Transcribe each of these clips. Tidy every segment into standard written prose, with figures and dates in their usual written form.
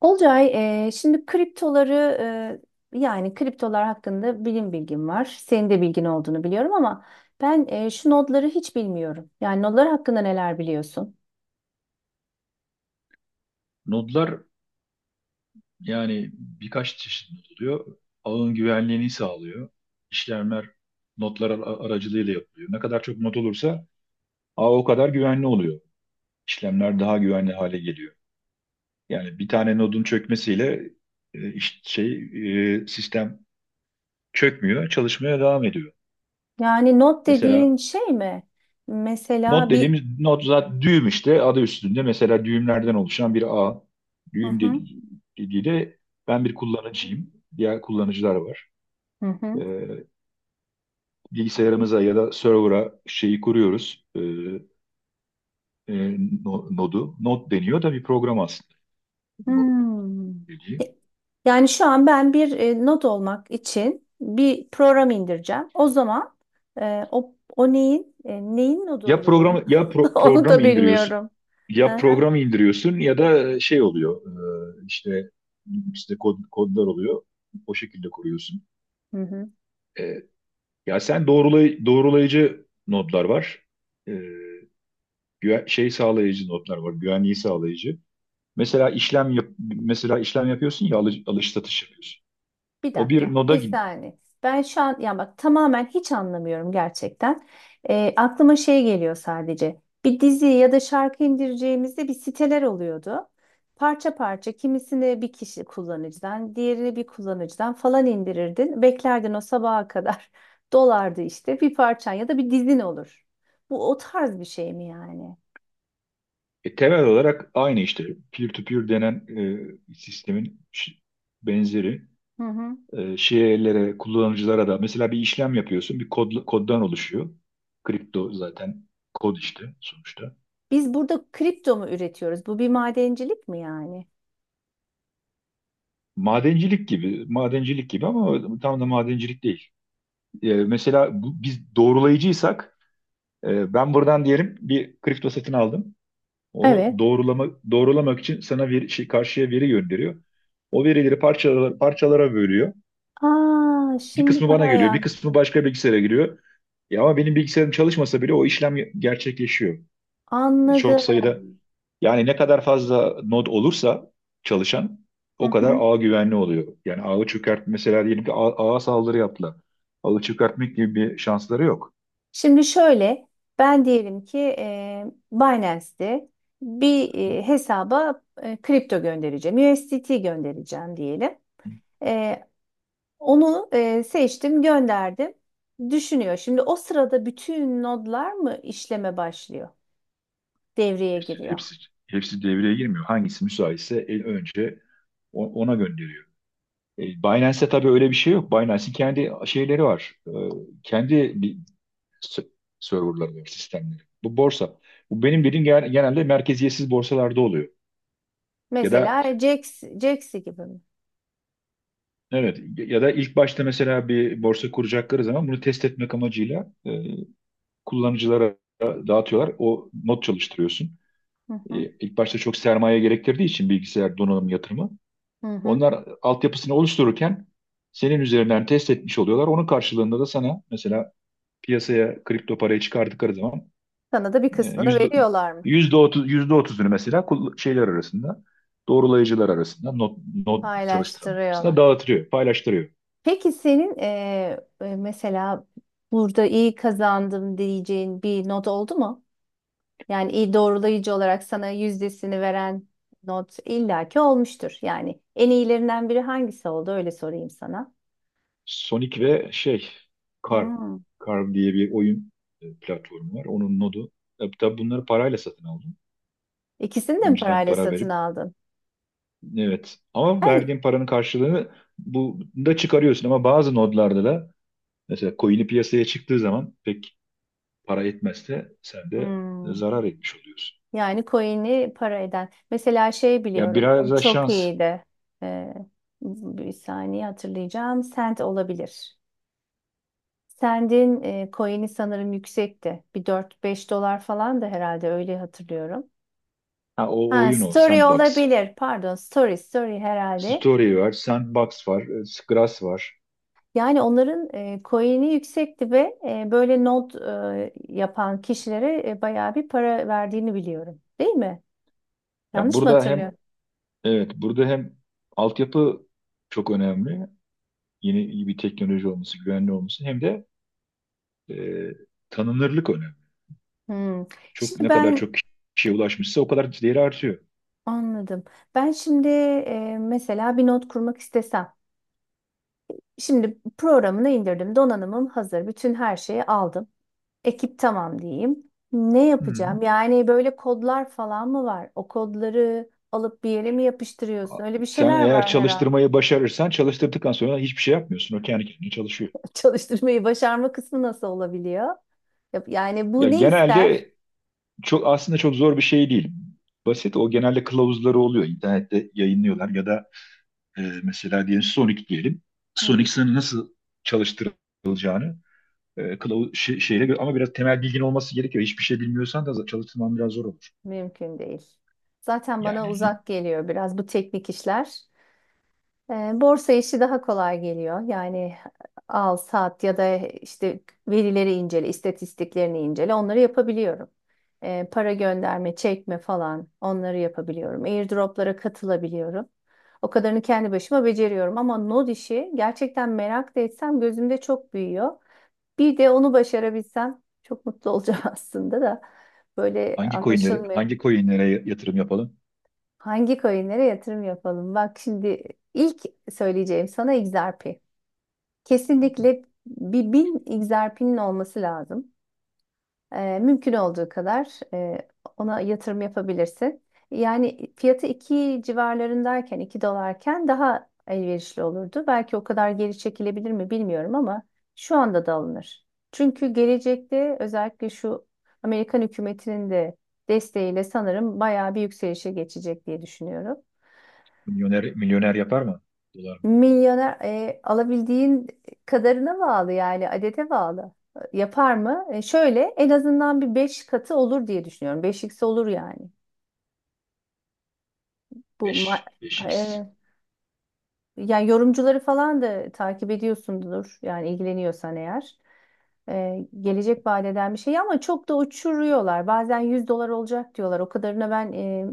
Olcay, şimdi kriptoları yani kriptolar hakkında bilgim var. Senin de bilgin olduğunu biliyorum ama ben şu nodları hiç bilmiyorum. Yani nodlar hakkında neler biliyorsun? Nodlar, yani birkaç çeşit nod oluyor. Ağın güvenliğini sağlıyor. İşlemler nodlar aracılığıyla yapılıyor. Ne kadar çok nod olursa ağ o kadar güvenli oluyor. İşlemler daha güvenli hale geliyor. Yani bir tane nodun çökmesiyle e, iş- şey sistem çökmüyor, çalışmaya devam ediyor. Yani nod dediğin Mesela şey mi? nod Mesela bir. dediğimiz nod zaten düğüm, işte adı üstünde. Mesela düğümlerden oluşan bir ağ. Hı Düğüm hı. dediği de, ben bir kullanıcıyım. Diğer kullanıcılar var. Hı hı. E, Bilgisayarımıza ya da server'a şeyi kuruyoruz. E, nodu. Node deniyor da bir program aslında. Node Hmm. dediği. E, Yani şu an ben bir nod olmak için bir program indireceğim. O zaman o neyin neyin nodu Ya program oluyorum? ya Onu program da indiriyorsun. bilmiyorum. Hı Ya hı. program indiriyorsun ya da şey oluyor. E, işte işte kodlar oluyor. O şekilde kuruyorsun. Hı hı. E, ya sen doğrulay doğrulayıcı nodlar var. E, sağlayıcı nodlar var. Güvenliği sağlayıcı. Mesela işlem yapıyorsun ya alış satış yapıyorsun. Bir O dakika, bir noda. bir saniye. Ben şu an ya bak tamamen hiç anlamıyorum gerçekten. Aklıma şey geliyor sadece. Bir dizi ya da şarkı indireceğimizde bir siteler oluyordu. Parça parça kimisini bir kişi kullanıcıdan, diğerini bir kullanıcıdan falan indirirdin. Beklerdin o sabaha kadar. Dolardı işte bir parçan ya da bir dizin olur. Bu o tarz bir şey mi yani? Temel olarak aynı işte, peer-to-peer denen sistemin benzeri Hı hı. Şeylere, kullanıcılara da mesela bir işlem yapıyorsun, koddan oluşuyor. Kripto zaten kod işte sonuçta. Biz burada kripto mu üretiyoruz? Bu bir madencilik mi yani? Madencilik gibi, madencilik gibi ama tam da madencilik değil. Mesela bu, biz doğrulayıcıysak, ben buradan diyelim bir kripto satın aldım. Evet. Onu doğrulamak için sana bir şey, karşıya veri gönderiyor. O verileri parçalara bölüyor. Aa, Bir şimdi kısmı bana daha iyi geliyor, bir kısmı başka bilgisayara giriyor. Ya ama benim bilgisayarım çalışmasa bile o işlem gerçekleşiyor. Çok anladım. sayıda, yani ne kadar fazla node olursa, çalışan, Hı o kadar hı. ağ güvenli oluyor. Yani ağı çökert, mesela diyelim ki ağa saldırı yaptılar. Ağı çökertmek gibi bir şansları yok. Şimdi şöyle, ben diyelim ki Binance'de bir hesaba kripto göndereceğim, USDT göndereceğim diyelim. E, onu seçtim, gönderdim. Düşünüyor. Şimdi o sırada bütün nodlar mı işleme başlıyor, devreye Hepsi, giriyor? hepsi, hepsi devreye girmiyor. Hangisi müsaitse en önce ona gönderiyor. Binance'te tabii öyle bir şey yok. Binance'in kendi şeyleri var. Kendi s- serverları var, sistemleri. Bu borsa. Bu benim dediğim, genelde merkeziyetsiz borsalarda oluyor. Ya da Mesela Jax'i gibi mi? evet, ya da ilk başta mesela bir borsa kuracakları zaman, bunu test etmek amacıyla kullanıcılara dağıtıyorlar. O not çalıştırıyorsun. Hı hı, İlk başta çok sermaye gerektirdiği için, bilgisayar donanım yatırımı. hı hı. Onlar altyapısını oluştururken senin üzerinden test etmiş oluyorlar. Onun karşılığında da sana, mesela piyasaya kripto parayı çıkardıkları zaman, Sana da bir kısmını yüzde veriyorlar mı? otuzunu mesela şeyler arasında, doğrulayıcılar arasında, not çalıştıran arasında Paylaştırıyorlar. dağıtırıyor, paylaştırıyor. Peki senin mesela burada iyi kazandım diyeceğin bir not oldu mu? Yani iyi doğrulayıcı olarak sana yüzdesini veren not illaki olmuştur. Yani en iyilerinden biri hangisi oldu? Öyle sorayım sana. Sonic ve Car Hmm. Car diye bir oyun platformu var. Onun nodu. Tabii, tabii bunları parayla satın aldım. İkisini de mi Önceden parayla para satın verip, aldın? evet, ama Ben verdiğin paranın karşılığını bu da çıkarıyorsun, ama bazı nodlarda da mesela coin'i piyasaya çıktığı zaman pek para etmezse sen de Hmm. zarar etmiş oluyorsun. Yani coin'i para eden. Mesela şey Ya, biliyorum. biraz O da çok şans. iyiydi. Ee, bir saniye hatırlayacağım. Sent olabilir. Send'in coin'i sanırım yüksekti. Bir 4-5 dolar falan da herhalde öyle hatırlıyorum. Ha, o Ha, oyun o. story Sandbox. olabilir. Pardon, story herhalde. Story var. Sandbox var. Scratch var. Yani onların coin'i yüksekti ve böyle not yapan kişilere bayağı bir para verdiğini biliyorum. Değil mi? Ya, Yanlış mı burada hem, hatırlıyorum? evet, burada hem altyapı çok önemli. Yeni, iyi bir teknoloji olması, güvenli olması, hem de e, tanınırlık önemli. Hmm. Çok, Şimdi ne kadar ben çok kişiye ulaşmışsa o kadar değeri artıyor. Anladım. Ben şimdi mesela bir not kurmak istesem. Şimdi programını indirdim. Donanımım hazır. Bütün her şeyi aldım. Ekip tamam diyeyim. Ne Hı. Hı. yapacağım? Yani böyle kodlar falan mı var? O kodları alıp bir yere mi yapıştırıyorsun? Öyle bir Sen şeyler eğer var herhalde. çalıştırmayı başarırsan, çalıştırdıktan sonra hiçbir şey yapmıyorsun. O kendi kendine çalışıyor. Çalıştırmayı başarma kısmı nasıl olabiliyor? Yani Ya, bu ne ister? genelde çok, aslında çok zor bir şey değil. Basit. O genelde kılavuzları oluyor. İnternette yayınlıyorlar ya da, mesela diyelim Sonic diyelim. Hı Sonic hı. sana nasıl çalıştırılacağını kılavuz şeyle ama biraz temel bilgin olması gerekiyor. Hiçbir şey bilmiyorsan da çalıştırman biraz zor olur. Mümkün değil. Zaten bana Yani li- uzak geliyor biraz bu teknik işler. E, borsa işi daha kolay geliyor. Yani al, sat ya da işte verileri incele, istatistiklerini incele, onları yapabiliyorum. Para gönderme, çekme falan onları yapabiliyorum. Airdroplara katılabiliyorum. O kadarını kendi başıma beceriyorum ama node işi gerçekten merak da etsem gözümde çok büyüyor. Bir de onu başarabilsem çok mutlu olacağım aslında da böyle Hangi coinlere, anlaşılmıyor. Yatırım yapalım? Hangi coinlere yatırım yapalım? Bak şimdi ilk söyleyeceğim sana XRP. Kesinlikle bir bin egzersizin olması lazım. Mümkün olduğu kadar e, ona yatırım yapabilirsin. Yani fiyatı 2 civarlarındayken, 2 dolarken daha elverişli olurdu. Belki o kadar geri çekilebilir mi bilmiyorum ama şu anda da alınır. Çünkü gelecekte özellikle şu Amerikan hükümetinin de desteğiyle sanırım bayağı bir yükselişe geçecek diye düşünüyorum. Milyoner yapar mı? Dolar mı? Milyoner alabildiğin kadarına bağlı yani adete bağlı. Yapar mı? Şöyle en azından bir 5 katı olur diye düşünüyorum. 5x olur yani. Bu ma- 5 5x. evet. Yani yorumcuları falan da takip ediyorsundur. Yani ilgileniyorsan eğer. Gelecek vaat eden bir şey ama çok da uçuruyorlar. Bazen 100 dolar olacak diyorlar. O kadarına ben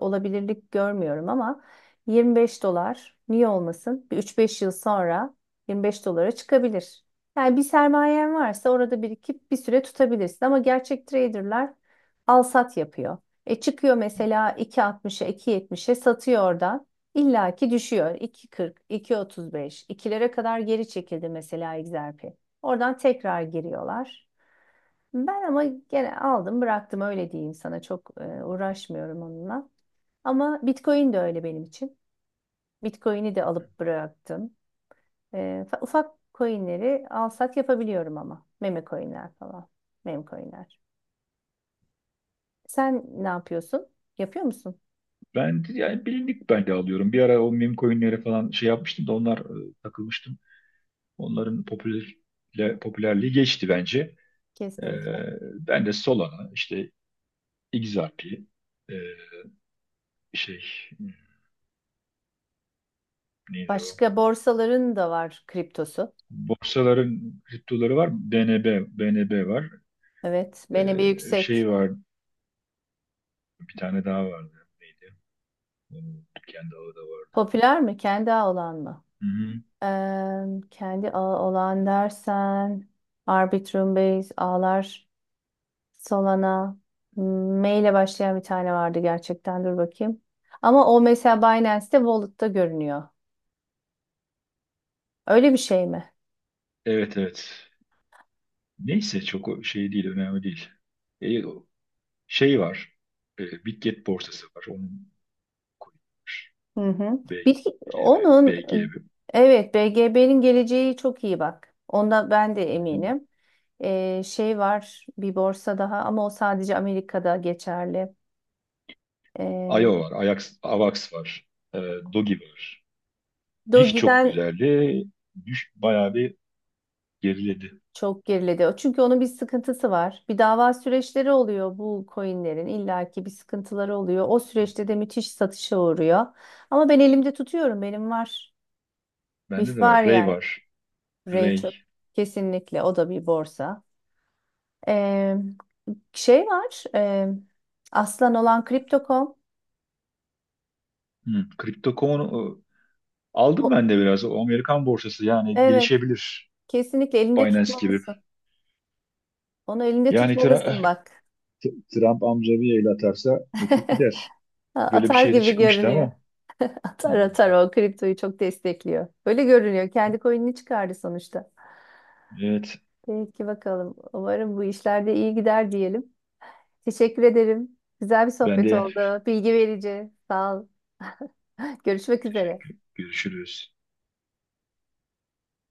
olabilirlik görmüyorum ama 25 dolar niye olmasın? Bir 3-5 yıl sonra 25 dolara çıkabilir. Yani bir sermayen varsa orada birikip bir süre tutabilirsin ama gerçek traderlar al sat yapıyor. Çıkıyor mesela 2,60'a 2,70'e satıyor oradan. İlla ki düşüyor. 2,40, 2,35, 2'lere kadar geri çekildi mesela XRP. Oradan tekrar giriyorlar. Ben ama gene aldım bıraktım öyle diyeyim sana çok uğraşmıyorum onunla. Ama Bitcoin de öyle benim için. Bitcoin'i de alıp bıraktım. Ufak coinleri al sat yapabiliyorum ama. Meme coinler falan. Meme coinler. Sen ne yapıyorsun? Yapıyor musun? Yani bilindik, ben de alıyorum. Bir ara o meme coinlere falan şey yapmıştım da, onlar takılmıştım. Onların popülerliği geçti bence. E, Kesinlikle. Ben de Solana, işte XRP, e, şey neydi o? Başka borsaların da var kriptosu. Borsaların kriptoları var. BNB, var. Evet. Beni bir yüksek. Şey var. Bir tane daha vardı. Neydi? Onun kendi ağı da vardı. Popüler mi? Kendi ağı olan mı? Hı-hı. Eee, kendi ağı olan dersen Arbitrum Base ağlar. Solana. M ile başlayan bir tane vardı gerçekten. Dur bakayım. Ama o mesela Binance'te Wallet'ta görünüyor. Öyle bir şey mi? Evet, evet. Neyse, çok o şey değil. Önemli değil. Ee, o- Şey var. Bitget borsası var. Onun coin'i var. Hı hı. Bir, BGB. onun BGB. evet BGB'nin geleceği çok iyi bak. Onda ben de Hı-hı. eminim. Şey var bir borsa daha ama o sadece Amerika'da geçerli. IO Ee, var. Ajax, AVAX var. Ee, Dogi var. BIF çok Doge'den güzeldi. Bayağı bir geriledi. çok geriledi. Çünkü onun bir sıkıntısı var. Bir dava süreçleri oluyor bu coinlerin. İllaki bir sıkıntıları oluyor. O süreçte de müthiş satışa uğruyor. Ama ben elimde tutuyorum. Benim var. Bende de BIF var. var Ray yani. var. Ray Ray. çok Kesinlikle. O da bir borsa. Ee, şey var. Aslan olan Crypto.com. Hı. Crypto.com O- aldım ben de biraz. O Amerikan borsası, yani evet. gelişebilir. Kesinlikle elinde Binance gibi. tutmalısın. Onu elinde Yani tutmalısın bak. Trump amca bir el atarsa uçup gider. Böyle bir Atar şey de gibi çıkmıştı görünüyor. ama. Hı. Taro kriptoyu çok destekliyor. Böyle görünüyor. Kendi coin'ini çıkardı sonuçta. Evet. Peki bakalım. Umarım bu işlerde iyi gider diyelim. Teşekkür ederim. Güzel bir Ben sohbet de oldu. Bilgi verici. Sağ ol. Görüşmek üzere. teşekkür. Görüşürüz.